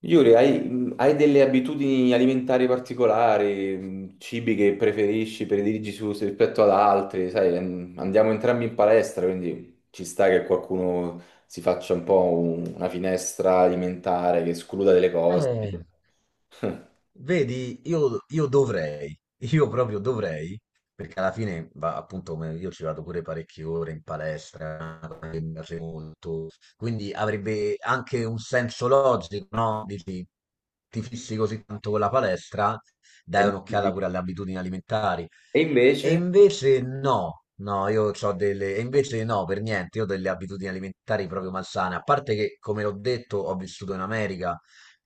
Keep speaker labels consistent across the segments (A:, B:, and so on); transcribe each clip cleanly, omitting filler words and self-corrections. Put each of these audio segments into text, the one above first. A: Yuri, hai delle abitudini alimentari particolari, cibi che preferisci, prediligi su, rispetto ad altri, sai, andiamo entrambi in palestra, quindi ci sta che qualcuno si faccia un po' una finestra alimentare, che escluda delle cose.
B: Eh, vedi, io dovrei, io proprio dovrei, perché alla fine, va, appunto, come io ci vado pure parecchie ore in palestra, una cosa che mi piace molto, quindi avrebbe anche un senso logico, no? Dici, ti fissi così tanto con la palestra, dai
A: E
B: un'occhiata pure alle abitudini alimentari.
A: e
B: E
A: invece,
B: invece no, no, e invece no, per niente, io ho delle abitudini alimentari proprio malsane, a parte che, come l'ho detto, ho vissuto in America,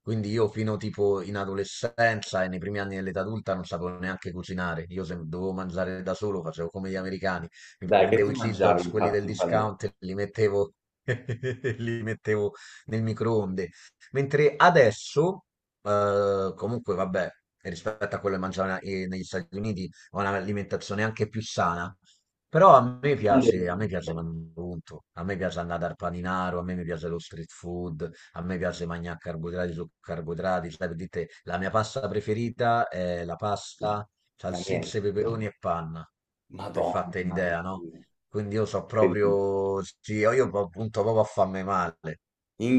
B: quindi io fino tipo in adolescenza e nei primi anni dell'età adulta non sapevo neanche cucinare. Io se dovevo mangiare da solo, facevo come gli americani. Mi
A: dai, che
B: prendevo
A: ti
B: i cheese
A: mangiavi
B: dogs, quelli del
A: infatti in palestra?
B: discount, e li mettevo, li mettevo nel microonde. Mentre adesso, comunque vabbè, rispetto a quello che mangiavo negli Stati Uniti, ho un'alimentazione anche più sana. Però
A: Non ti
B: a me
A: ricordo,
B: piace mangiare, punto. A me piace andare al paninaro, a me mi piace lo street food, a me piace mangiare carboidrati su carboidrati, sai, per dite, la mia pasta preferita è la pasta,
A: ma
B: salsicce,
A: niente.
B: peperoni e panna, per
A: Madonna
B: fatta
A: mia,
B: un'idea, no? Quindi io so proprio, sì, io appunto proprio a farmi male,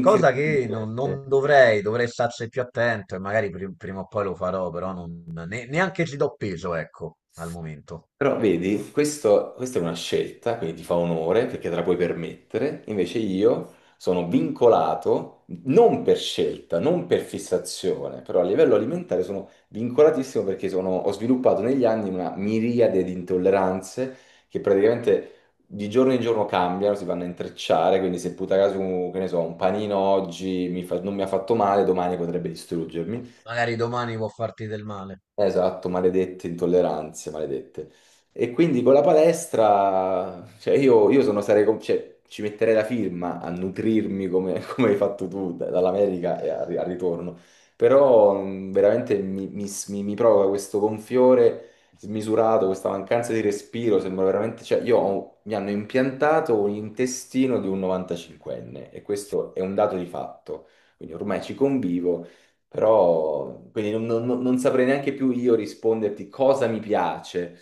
B: cosa che non, non dovrei, dovrei starci più attento e magari prima o poi lo farò, però neanche ci do peso, ecco, al momento.
A: Però vedi, questa è una scelta, quindi ti fa onore perché te la puoi permettere, invece io sono vincolato, non per scelta, non per fissazione, però a livello alimentare sono vincolatissimo perché ho sviluppato negli anni una miriade di intolleranze che praticamente di giorno in giorno cambiano, si vanno a intrecciare, quindi se puta caso, che ne so, un panino oggi non mi ha fatto male, domani potrebbe distruggermi.
B: Magari domani può farti del male,
A: Esatto, maledette intolleranze, maledette. E quindi con la palestra, cioè io sono, sarei, cioè, ci metterei la firma a nutrirmi come, come hai fatto tu dall'America e al, al ritorno, però veramente mi provoca questo gonfiore smisurato, questa mancanza di respiro, sembra veramente, cioè mi hanno impiantato un intestino di un 95enne e questo è un dato di fatto, quindi ormai ci convivo. Però, quindi non saprei neanche più io risponderti cosa mi piace.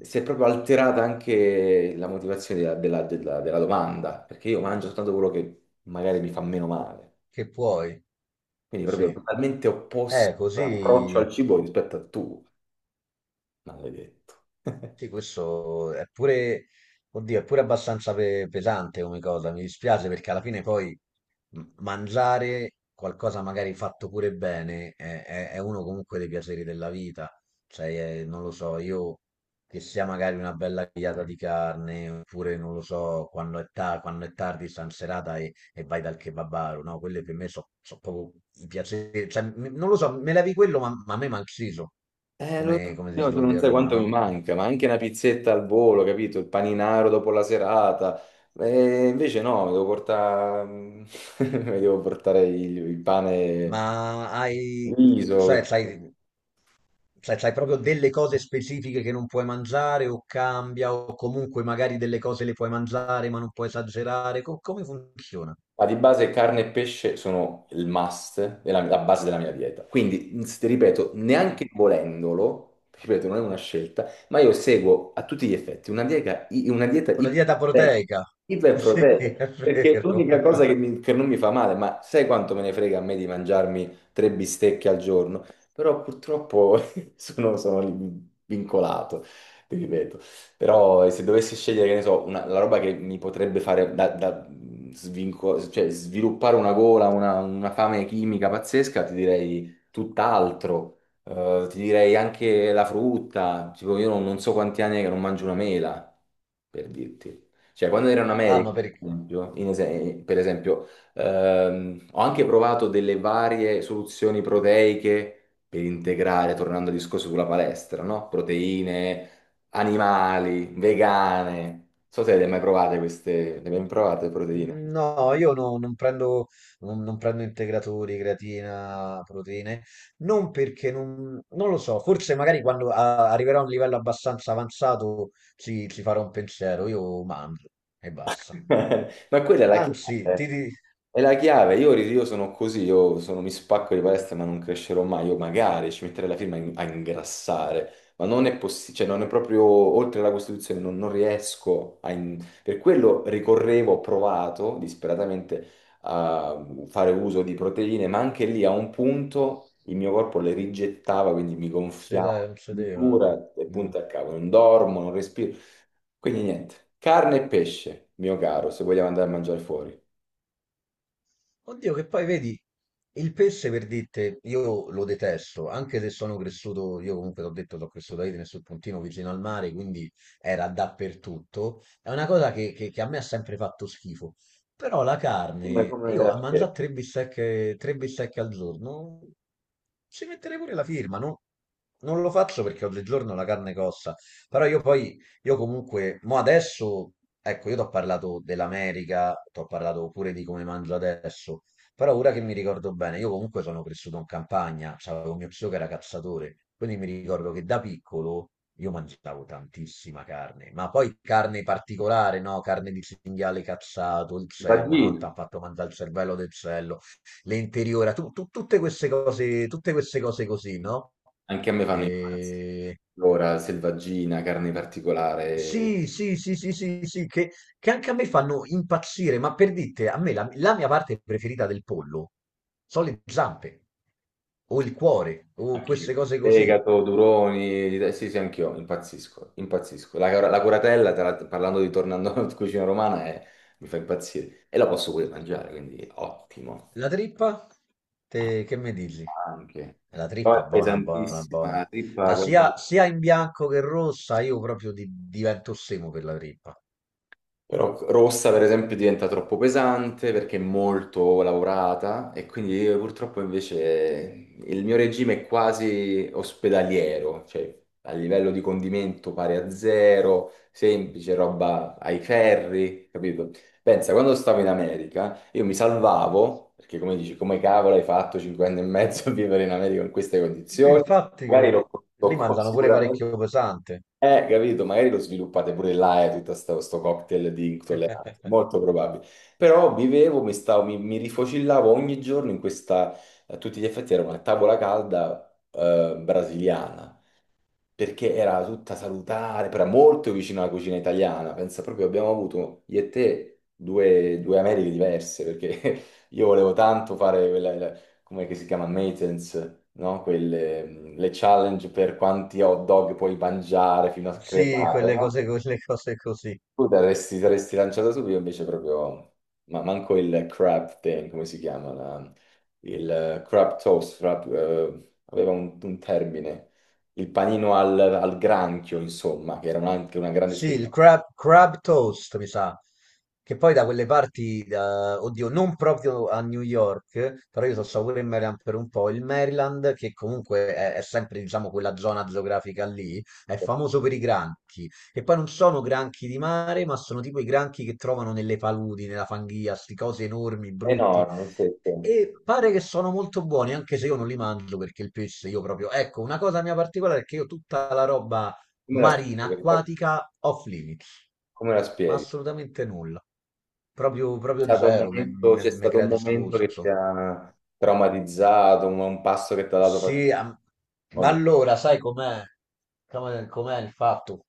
A: Si è proprio alterata anche la motivazione della domanda, perché io mangio soltanto quello che magari mi fa meno male.
B: che puoi,
A: Quindi
B: sì.
A: proprio totalmente opposto l'approccio
B: Così.
A: al cibo rispetto a tu, maledetto.
B: Sì, questo è pure, oddio, è pure abbastanza pesante come cosa. Mi dispiace perché alla fine poi mangiare qualcosa magari fatto pure bene è uno comunque dei piaceri della vita. Cioè, non lo so, io che sia magari una bella grigliata di carne, oppure non lo so, quando è tardi, stan serata e vai dal kebabaro, no? Quelle per me sono proprio i piaceri. Cioè, non lo so, me levi quello, ma a me manciso,
A: Lo so,
B: come, come si
A: io tu
B: suol
A: non
B: dire a
A: sai
B: Roma,
A: quanto mi
B: no?
A: manca, ma anche una pizzetta al volo, capito? Il paninaro dopo la serata. Invece no, mi devo portare, mi devo portare il
B: Ma
A: pane
B: hai,
A: riso,
B: cioè, sai, cioè, c'hai proprio delle cose specifiche che non puoi mangiare o cambia o comunque magari delle cose le puoi mangiare ma non puoi esagerare? Come funziona?
A: ma di base carne e pesce sono il must, della, la base della mia dieta. Quindi, ti ripeto,
B: Mm.
A: neanche volendolo, ti ripeto, non è una scelta, ma io seguo a tutti gli effetti una dieta, una dieta
B: Con la dieta
A: iperproteica,
B: proteica? Sì,
A: iperproteica,
B: è
A: perché è
B: vero.
A: l'unica cosa che, che non mi fa male, ma sai quanto me ne frega a me di mangiarmi tre bistecche al giorno? Però purtroppo sono, sono vincolato, ti ripeto. Però se dovessi scegliere, che ne so, la roba che mi potrebbe fare da, da cioè, sviluppare una gola, una fame chimica pazzesca, ti direi tutt'altro. Ti direi anche la frutta. Tipo, io non so quanti anni è che non mangio una mela, per dirti. Cioè, quando ero in
B: Ah,
A: America,
B: ma perché?
A: per esempio, per esempio, ho anche provato delle varie soluzioni proteiche per integrare, tornando al discorso sulla palestra, no? Proteine animali, vegane. Non so se le hai mai provate queste, le hai mai provate proteine?
B: No, io non prendo, non prendo integratori, creatina, proteine, non perché non lo so, forse magari quando arriverò a un livello abbastanza avanzato ci farò un pensiero, io mangio e basta.
A: Ma quella è la
B: Anzi, ti
A: chiave.
B: dico,
A: È la chiave. Io sono così, mi spacco di palestra, ma non crescerò mai. Io magari ci metterei la firma a a ingrassare, ma non è possibile, cioè non è proprio oltre la Costituzione, non riesco a... in- Per quello ricorrevo, ho provato disperatamente a fare uso di proteine, ma anche lì a un punto il mio corpo le rigettava, quindi mi
B: si dai,
A: gonfiavo,
B: non si deve.
A: cintura e
B: Mm.
A: punto a cavolo, non dormo, non respiro. Quindi niente, carne e pesce, mio caro, se vogliamo andare a mangiare fuori.
B: Oddio, che poi vedi, il pesce per dirte, io lo detesto, anche se sono cresciuto, io comunque l'ho detto, sono cresciuto a Idem sul puntino vicino al mare, quindi era dappertutto. È una cosa che a me ha sempre fatto schifo. Però la
A: Come,
B: carne,
A: come te
B: io
A: la
B: a mangiare
A: spiego.
B: tre bistecche al giorno, ci metterei pure la firma, no? Non lo faccio perché oggigiorno la carne costa, però io poi io comunque, mo adesso, ecco, io ti ho parlato dell'America, ti ho parlato pure di come mangio adesso, però ora che mi ricordo bene, io comunque sono cresciuto in campagna, c'avevo mio zio che era cazzatore, quindi mi ricordo che da piccolo io mangiavo tantissima carne, ma poi carne particolare, no? Carne di cinghiale cazzato, il cervo, una volta
A: Vagina.
B: ha fatto mangiare il cervello del cello, le interiora, tutte queste cose così, no?
A: Anche a me fanno i pazzi.
B: E
A: Allora, selvaggina, carne particolare,
B: sì, sì, sì, sì, sì, sì, che anche a me fanno impazzire, ma per dite, a me la, la mia parte preferita del pollo sono le zampe, o il cuore, o queste
A: anch'io.
B: cose così.
A: Fegato, duroni, sì, sì, anch'io, impazzisco, impazzisco. La curatella, tra l'altro, parlando di tornando alla cucina romana, è- mi fa impazzire. E la posso pure mangiare, quindi ottimo.
B: La trippa, te, che mi dici?
A: Anche.
B: La
A: Poi
B: trippa
A: è
B: buona, buona,
A: pesantissima,
B: buona.
A: la trippa
B: Ma
A: con.
B: sia, sia in bianco che rossa, io proprio divento semo per la trippa.
A: Però rossa, per esempio, diventa troppo pesante perché è molto lavorata e quindi io purtroppo invece il mio regime è quasi ospedaliero, cioè a livello di condimento pari a zero, semplice, roba ai ferri, capito? Pensa, quando stavo in America io mi salvavo, perché come dici, come cavolo hai fatto cinque anni e mezzo a vivere in America in queste condizioni?
B: Infatti,
A: Magari l'ho
B: lì
A: l'ho
B: mangiano pure
A: sicuramente
B: parecchio pesante.
A: capito, magari lo sviluppate pure là, tutto sto cocktail di intolleranza, molto probabile. Però vivevo, mi, stavo, mi rifocillavo ogni giorno in questa, a tutti gli effetti era una tavola calda brasiliana perché era tutta salutare, però era molto vicino alla cucina italiana. Pensa proprio, abbiamo avuto io e te due Americhe diverse, perché io volevo tanto fare quella, come che si chiama, maintenance, no? Quelle, le challenge per quanti hot dog puoi mangiare fino a
B: Sì,
A: crepare, no?
B: quelle cose così.
A: Tu t'avresti saresti lanciato subito invece proprio, ma manco il crab thing, come si chiama? La- il crab toast, crab, aveva un termine, il panino al granchio, insomma, che era un- anche una grande
B: Sì,
A: specialità.
B: il crab, crab toast, mi sa, che poi da quelle parti, oddio, non proprio a New York, però io sono stato pure in Maryland per un po', il Maryland, che comunque è sempre, diciamo, quella zona geografica lì, è famoso per i granchi, che poi non sono granchi di mare, ma sono tipo i granchi che trovano nelle paludi, nella fanghia, sti cose enormi, brutti,
A: Enorme, sì, sì.
B: e pare che sono molto buoni, anche se io non li mangio perché il pesce io proprio. Ecco, una cosa mia particolare è che io tutta la roba
A: Come la
B: marina,
A: spieghi?
B: acquatica, off limits,
A: Come la
B: ma
A: spieghi?
B: assolutamente nulla. Proprio, proprio zero,
A: C'è
B: mi
A: stato un
B: crea
A: momento che ti
B: disgusto.
A: ha traumatizzato, un passo che ti ha dato...
B: Sì,
A: per- o
B: ma
A: no?
B: allora sai com'è? Com'è il fatto?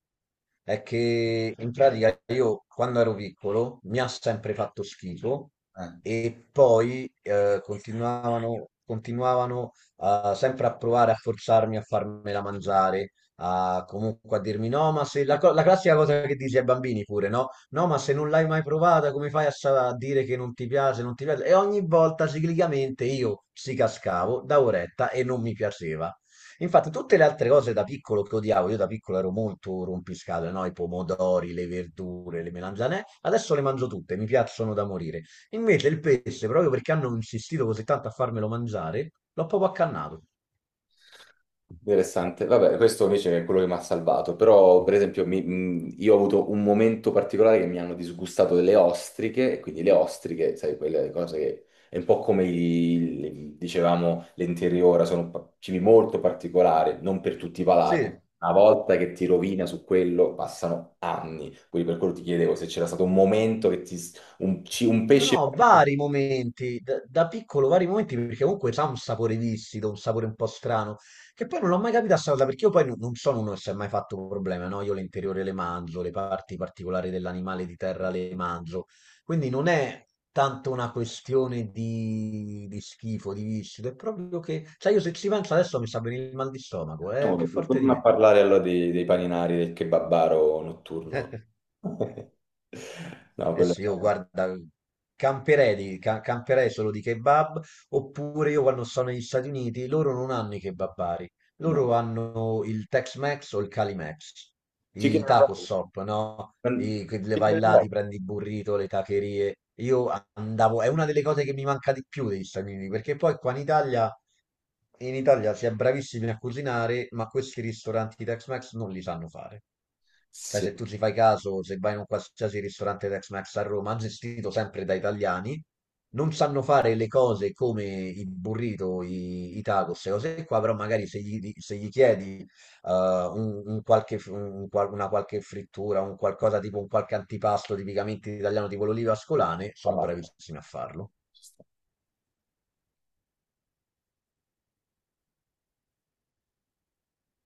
B: È che in pratica io quando ero piccolo mi ha sempre fatto schifo
A: Eh.
B: e poi continuavano sempre a provare a forzarmi a farmela mangiare, comunque a dirmi no, ma se la, co- la classica cosa che dici ai bambini pure, no? No, ma se non l'hai mai provata, come fai a dire che non ti piace, non ti piace? E ogni volta ciclicamente io ci cascavo da oretta e non mi piaceva. Infatti, tutte le altre cose da piccolo che odiavo, io da piccolo ero molto rompiscatole, no? I pomodori, le verdure, le melanzane, adesso le mangio tutte, mi piacciono da morire. Invece il pesce, proprio perché hanno insistito così tanto a farmelo mangiare, l'ho proprio accannato.
A: Interessante. Vabbè, questo invece è quello che mi ha salvato, però per esempio io ho avuto un momento particolare che mi hanno disgustato delle ostriche, e quindi le ostriche, sai, quelle cose che è un po' come dicevamo l'interiora, sono pa- cibi molto particolari, non per tutti i palati.
B: Sì.
A: Una volta che ti rovina su quello, passano anni. Quindi per quello ti chiedevo se c'era stato un momento che ti, s- un, un pesce.
B: No, vari momenti, da piccolo vari momenti, perché comunque ha un sapore viscido, un sapore un po' strano, che poi non l'ho mai capita sta cosa, perché io poi non sono uno che si è mai fatto problema, no? Io l'interiore le mangio, le parti particolari dell'animale di terra le mangio, quindi non è tanto una questione di, schifo, di viscido, è proprio che, cioè io se ci penso adesso mi sta venendo il mal di stomaco, è più
A: Oh,
B: forte di
A: torna a
B: me.
A: parlare allora dei paninari del kebabaro notturno. No, quello
B: Adesso io guarda, camperei, camperei solo di kebab, oppure io quando sono negli Stati Uniti, loro non hanno i kebabari,
A: no.
B: loro hanno il Tex-Mex o il Cali-Mex,
A: Chicken
B: i
A: and
B: taco
A: rice.
B: shop, no? I, che le
A: Chicken
B: vai
A: and
B: là,
A: rice.
B: ti prendi il burrito, le tacherie. Io andavo, è una delle cose che mi manca di più degli Stati Uniti, perché poi qua in Italia si è bravissimi a cucinare, ma questi ristoranti Tex-Mex non li sanno fare. Cioè,
A: Sì.
B: se tu ci fai caso, se vai in un qualsiasi ristorante Tex-Mex a Roma, gestito sempre da italiani, non sanno fare le cose come i burrito, i tacos, e cose qua, però magari se gli, se gli chiedi un qualche una qualche frittura, un qualcosa tipo un qualche antipasto tipicamente italiano, tipo l'oliva ascolane, sono
A: Vabbè.
B: bravissimi a farlo.